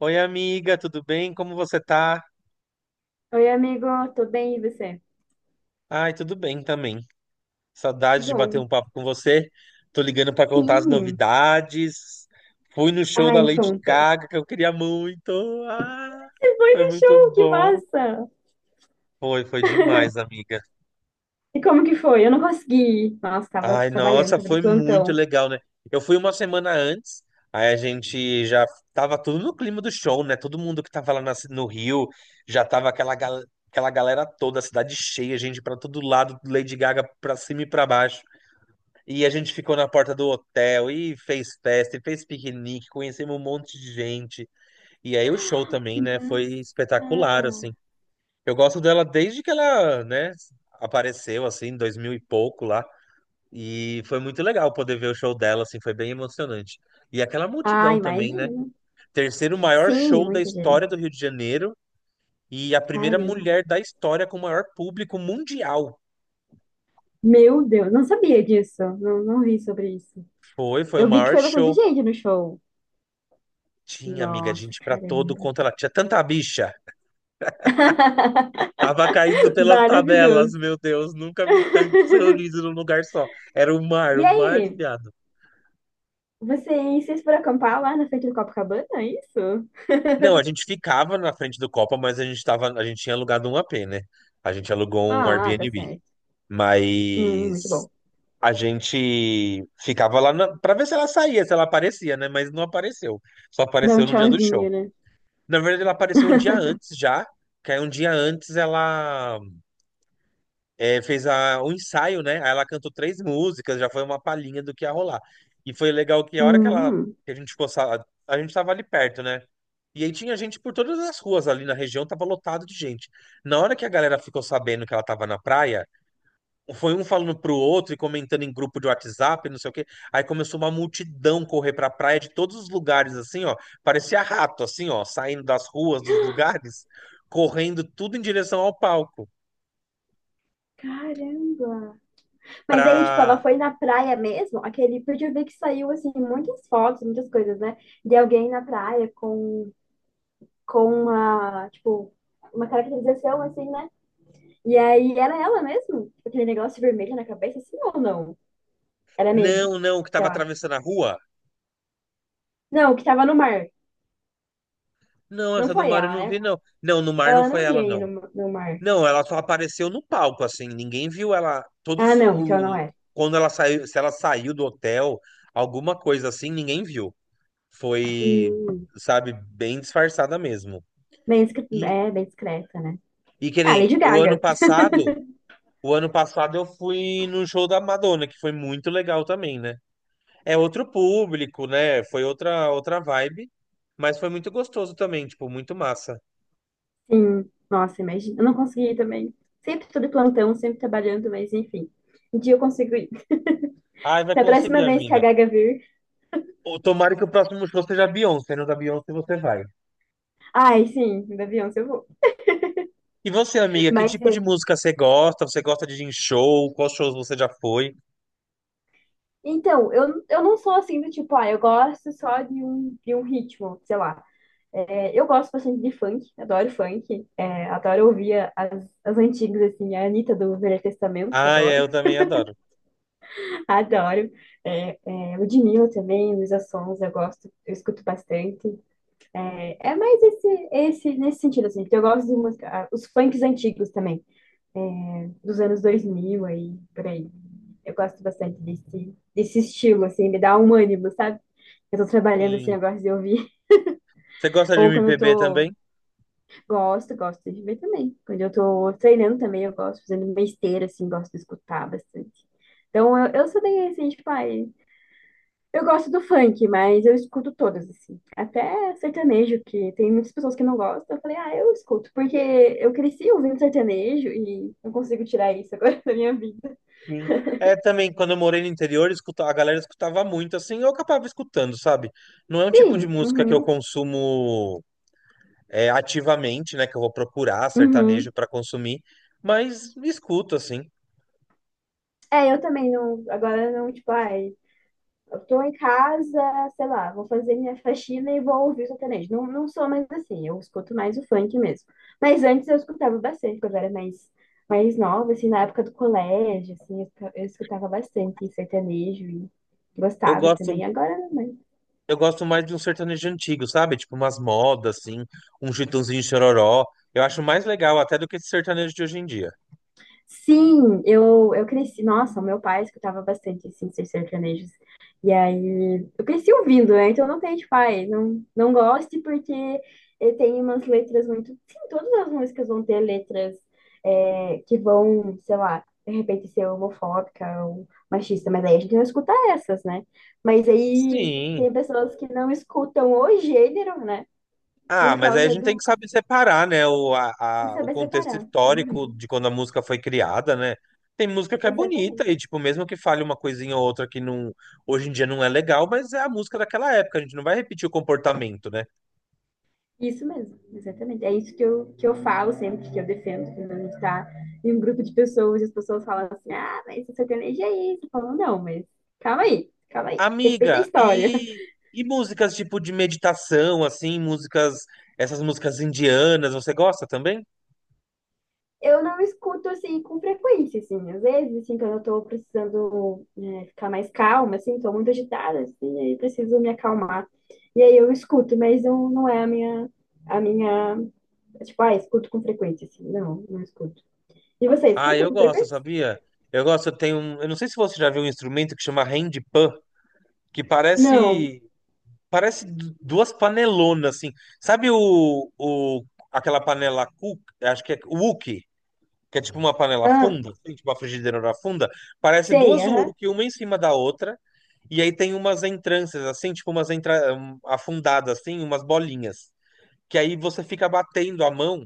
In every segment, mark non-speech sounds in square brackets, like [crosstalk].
Oi, amiga, tudo bem? Como você tá? Oi, amigo, tô bem, e você? Ai, tudo bem também. Que Saudade de bater bom. um papo com você. Tô ligando pra contar as Sim. novidades. Fui no show da Ai, Lady conta. Gaga que eu queria muito. Ah, Você foi foi no muito show, que bom. massa! Foi demais, amiga. E como que foi? Eu não consegui ir. Nossa, tava Ai, trabalhando, nossa, tava de foi muito plantão. legal, né? Eu fui uma semana antes, aí a gente já tava tudo no clima do show, né? Todo mundo que tava lá no Rio, já tava aquela, aquela galera toda, a cidade cheia, gente pra todo lado, Lady Gaga pra cima e pra baixo. E a gente ficou na porta do hotel e fez festa, e fez piquenique, conhecemos um monte de gente. E aí o show Que também, né? Foi massa! espetacular, assim. Eu gosto dela desde que ela, né, apareceu, assim, em 2000 e pouco lá. E foi muito legal poder ver o show dela, assim, foi bem emocionante. E aquela Ah, multidão também, né? imagino. Terceiro maior Sim, show da muita história do gente. Rio de Janeiro e a primeira Caramba. mulher da história com o maior público mundial. Meu Deus, não sabia disso. Não, não vi sobre isso. Foi o Eu vi que maior foi bastante show. gente no show. Tinha, amiga, Nossa, gente pra todo caramba. quanto ela tinha tanta bicha. Tava caindo [laughs] pelas tabelas, Maravilhoso. meu Deus, nunca vi tanto sorriso [laughs] num lugar só. Era E o mar de aí? viado. Vocês foram acampar lá na frente do Copacabana, é isso? Não, a [laughs] gente ficava na frente do Copa, mas a gente tinha alugado um AP, né? A gente alugou um Ah, tá Airbnb. certo. Muito Mas bom. a gente ficava lá na... para ver se ela saía, se ela aparecia, né? Mas não apareceu. Só Dá um apareceu no dia do show. tchauzinho, né? Na verdade, ela apareceu um dia antes [laughs] já. Que aí um dia antes ela fez um ensaio, né? Aí ela cantou três músicas, já foi uma palhinha do que ia rolar. E foi legal que a hora que ela Hum, que a gente ficou, a gente tava ali perto, né? E aí tinha gente por todas as ruas ali na região, tava lotado de gente. Na hora que a galera ficou sabendo que ela tava na praia, foi um falando pro outro e comentando em grupo de WhatsApp, não sei o quê. Aí começou uma multidão correr pra praia de todos os lugares, assim, ó. Parecia rato, assim, ó, saindo das ruas, dos lugares, correndo tudo em direção ao palco. Caramba. Mas aí, tipo, Pra. ela foi na praia mesmo, aquele, porque eu vi que saiu, assim, muitas fotos, muitas coisas, né? De alguém na praia com, uma, tipo, uma caracterização, assim, né? E aí, era ela mesmo? Tipo, aquele negócio vermelho na cabeça, assim, ou não? Era meme, Não, não, que sei tava lá. atravessando a rua. Não, o que tava no mar. Não, Não essa do foi mar eu ela, não né? vi, não. Não, no mar não Ela foi não ia ela, ir não. no, mar. Não, ela só apareceu no palco, assim. Ninguém viu ela. Ah, não, então não era. Quando ela saiu, se ela saiu do hotel, alguma coisa assim, ninguém viu. Foi, Hum, sabe, bem disfarçada mesmo. bem, discre- E, é, bem discreta, né? e que Ah, nem Lady o ano Gaga. [laughs] passado, o ano passado eu fui no show da Madonna, que foi muito legal também, né? É outro público, né? Foi outra vibe, mas foi muito gostoso também, tipo, muito massa. Sim, nossa, imagina. Eu não consegui ir também. Sempre tô de plantão, sempre trabalhando, mas enfim. Um dia eu consigo ir. [laughs] Ai, vai Se a próxima conseguir, vez que a amiga. Gaga vir, Ô, tomara que o próximo show seja a Beyoncé, não da Beyoncé você vai. ai, sim, da Beyoncé eu vou. E você, amiga, que Mas tipo de é, música você gosta? Você gosta de ir em show? Quais shows você já foi? então, eu não sou assim do tipo, ah, eu gosto só de um, ritmo, sei lá. É, eu gosto bastante de funk, adoro funk, é, adoro ouvir as antigas, assim, a Anitta do Velho Testamento, Ai, é, adoro. eu também adoro. [laughs] Adoro. É, Ludmilla também, Luísa Sons, eu gosto, eu escuto bastante. É mais nesse sentido, assim, porque eu gosto de música, ah, os funks antigos também, é, dos anos 2000 aí, por aí. Eu gosto bastante desse estilo, assim, me dá um ânimo, sabe? Eu tô trabalhando assim, Sim. eu gosto de ouvir. Você [laughs] gosta de Ou quando eu MPB tô. também? Gosto, gosto de ver também. Quando eu tô treinando também, eu gosto, fazendo uma esteira, assim, gosto de escutar bastante. Então, eu sou bem assim, tipo, ai, eu gosto do funk, mas eu escuto todas, assim. Até sertanejo, que tem muitas pessoas que não gostam. Eu falei, ah, eu escuto, porque eu cresci ouvindo sertanejo e não consigo tirar isso agora [laughs] da minha vida. Sim. É também, quando eu morei no interior, a galera escutava muito, assim, eu acabava escutando, sabe? Não é um tipo de Sim, música que eu uhum, consumo é, ativamente, né? Que eu vou procurar sertanejo uhum. pra consumir, mas escuto, assim. É, eu também não. Agora não, tipo, ai. Eu tô em casa, sei lá, vou fazer minha faxina e vou ouvir o sertanejo. Não, não sou mais assim, eu escuto mais o funk mesmo. Mas antes eu escutava bastante, quando eu era mais nova, assim, na época do colégio, assim, eu escutava bastante sertanejo e Eu gostava gosto, também. Agora não. eu gosto mais de um sertanejo antigo, sabe? Tipo umas modas, assim, um Chitãozinho e Chororó. Eu acho mais legal até do que esse sertanejo de hoje em dia. Sim, eu cresci. Nossa, o meu pai escutava bastante assim, esses sertanejos. E aí, eu cresci ouvindo, né? Então não tem, tipo, pai não, não goste porque tem umas letras muito. Sim, todas as músicas vão ter letras que vão, sei lá, de repente ser homofóbica ou machista, mas aí a gente não escuta essas, né? Mas aí Sim. tem pessoas que não escutam o gênero, né? Ah, Por mas aí a causa gente tem que do. saber separar, né, Tem que o saber contexto separar. histórico Uhum, de quando a música foi criada, né? Tem música que é bonita exatamente. e, tipo, mesmo que fale uma coisinha ou outra que não, hoje em dia não é legal, mas é a música daquela época, a gente não vai repetir o comportamento, né? Isso mesmo, exatamente. É isso que eu falo sempre, que eu defendo, quando a gente está em um grupo de pessoas e as pessoas falam assim, ah, mas você tem energia é isso. Eu falo, não, mas calma aí, respeita a Amiga, história. [laughs] E músicas tipo de meditação, assim, músicas, essas músicas indianas, você gosta também? Eu não escuto, assim, com frequência, assim, às vezes, assim, quando eu tô precisando né, ficar mais calma, assim, tô muito agitada, assim, aí preciso me acalmar. E aí eu escuto, mas não, não é a minha, tipo, ah, escuto com frequência, assim, não, não escuto. E você Ah, escuta eu com gosto, frequência? sabia? Eu gosto, eu tenho, um- eu não sei se você já viu um instrumento que chama handpan, que Não. parece duas panelonas, assim. Sabe aquela panela cook, acho que é wok, que é tipo uma panela Ah, funda, assim, tipo uma frigideira funda? Parece sei, duas aham. wok, uma em cima da outra, e aí tem umas entranças, assim, tipo afundadas, assim, umas bolinhas. Que aí você fica batendo a mão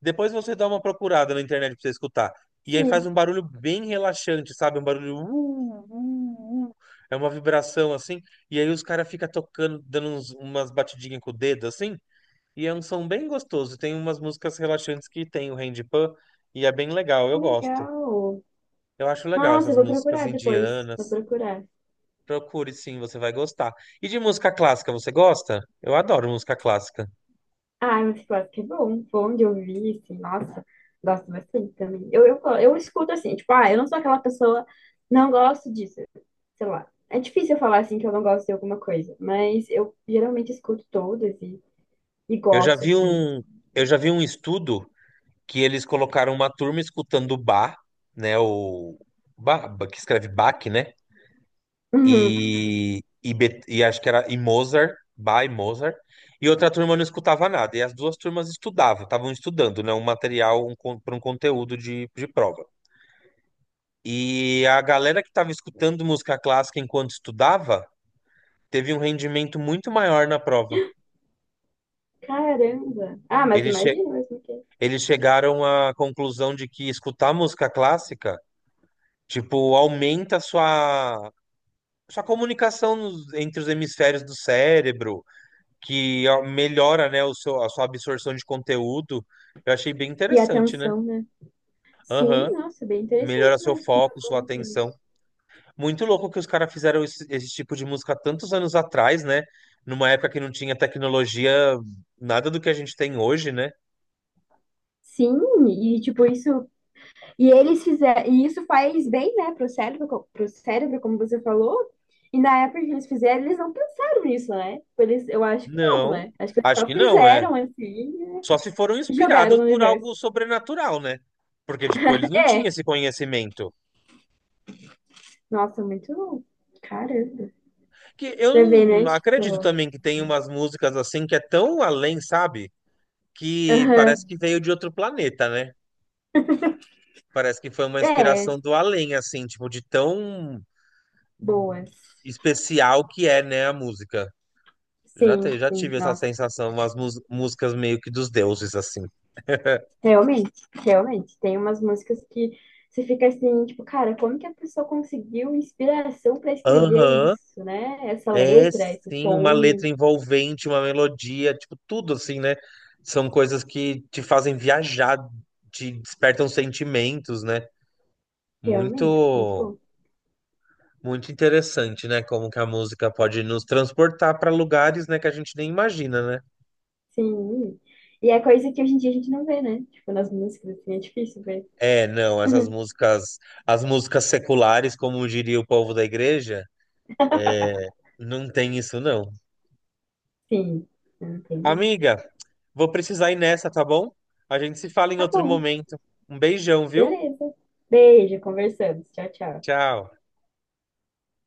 depois você dá uma procurada na internet pra você escutar. E aí faz Sim. um barulho bem relaxante, sabe? Um barulho. Uh, uh. É uma vibração assim. E aí os caras ficam tocando, dando umas batidinhas com o dedo assim. E é um som bem gostoso. Tem umas músicas relaxantes que tem o Randy Pan. E é bem legal, eu Que gosto. legal. Eu acho legal Nossa, eu essas vou músicas procurar depois. Vou indianas. procurar. Procure sim, você vai gostar. E de música clássica, você gosta? Eu adoro música clássica. Ah, mas eu acho que é bom. Bom de ouvir, assim. Nossa, gosto bastante também. Eu escuto assim, tipo, ah, eu não sou aquela pessoa, não gosto disso. Sei lá. É difícil eu falar assim que eu não gosto de alguma coisa, mas eu geralmente escuto todas e Eu já gosto, vi assim. um, eu já vi um estudo que eles colocaram uma turma escutando Bach, né? O Bach, que escreve Bach, né? Uhum. E acho que era e Mozart, Bach e Mozart. E outra turma não escutava nada. E as duas turmas estudavam, estavam estudando, né? Um material para um conteúdo de prova. E a galera que estava escutando música clássica enquanto estudava teve um rendimento muito maior na prova. Caramba. Ah, mas Eles, che- imagina mesmo que. eles chegaram à conclusão de que escutar música clássica, tipo, aumenta a sua comunicação entre os hemisférios do cérebro, que ó, melhora, né, a sua absorção de conteúdo. Eu achei bem E a interessante, né? atenção, né? Sim, Aham. nossa, bem Melhora interessante seu mesmo. Não, foco, eu sua não atenção. fiz. Muito louco que os caras fizeram esse tipo de música tantos anos atrás, né? Numa época que não tinha tecnologia, nada do que a gente tem hoje, né? Sim, e tipo isso, e eles fizeram, e isso faz bem, né, pro cérebro, como você falou. E na época que eles fizeram, eles não pensaram nisso, né? Tipo, eles, eu acho que não, Não, né? Acho que eles acho só que não, é. fizeram assim Só se foram e jogaram inspirados no por universo. algo sobrenatural, né? Porque, tipo, eles não tinham É, esse conhecimento. nossa, muito louco. Caramba. Que Pra eu ver, né? não Tipo, acredito também que tem umas músicas assim que é tão além, sabe? Que aham. parece que veio de outro planeta, né? Parece que foi uma É, inspiração do além, assim, tipo, de tão boas. especial que é, né, a música. Já, Sim, te- já sim, tive essa nossa. sensação, umas músicas meio que dos deuses, assim. Realmente, realmente. Tem umas músicas que você fica assim, tipo, cara, como que a pessoa conseguiu inspiração para escrever Aham, isso, né? Essa é letra, esse sim, uma tom. letra envolvente, uma melodia, tipo, tudo assim, né? São coisas que te fazem viajar, te despertam sentimentos, né? Realmente, muito Muito. bom. Muito interessante, né? Como que a música pode nos transportar para lugares, né, que a gente nem imagina, né? Sim. E é coisa que hoje em dia a gente não vê, né? Tipo, nas músicas, assim, é difícil ver. É, não, essas [laughs] músicas, as músicas seculares, como diria o povo da igreja, não tem isso não. Sim, não tem mais. Amiga, vou precisar ir nessa, tá bom? A gente se fala em Tá outro bom, momento. Um beijão, viu? beleza. Beijo, conversamos. Tchau, tchau. Tchau.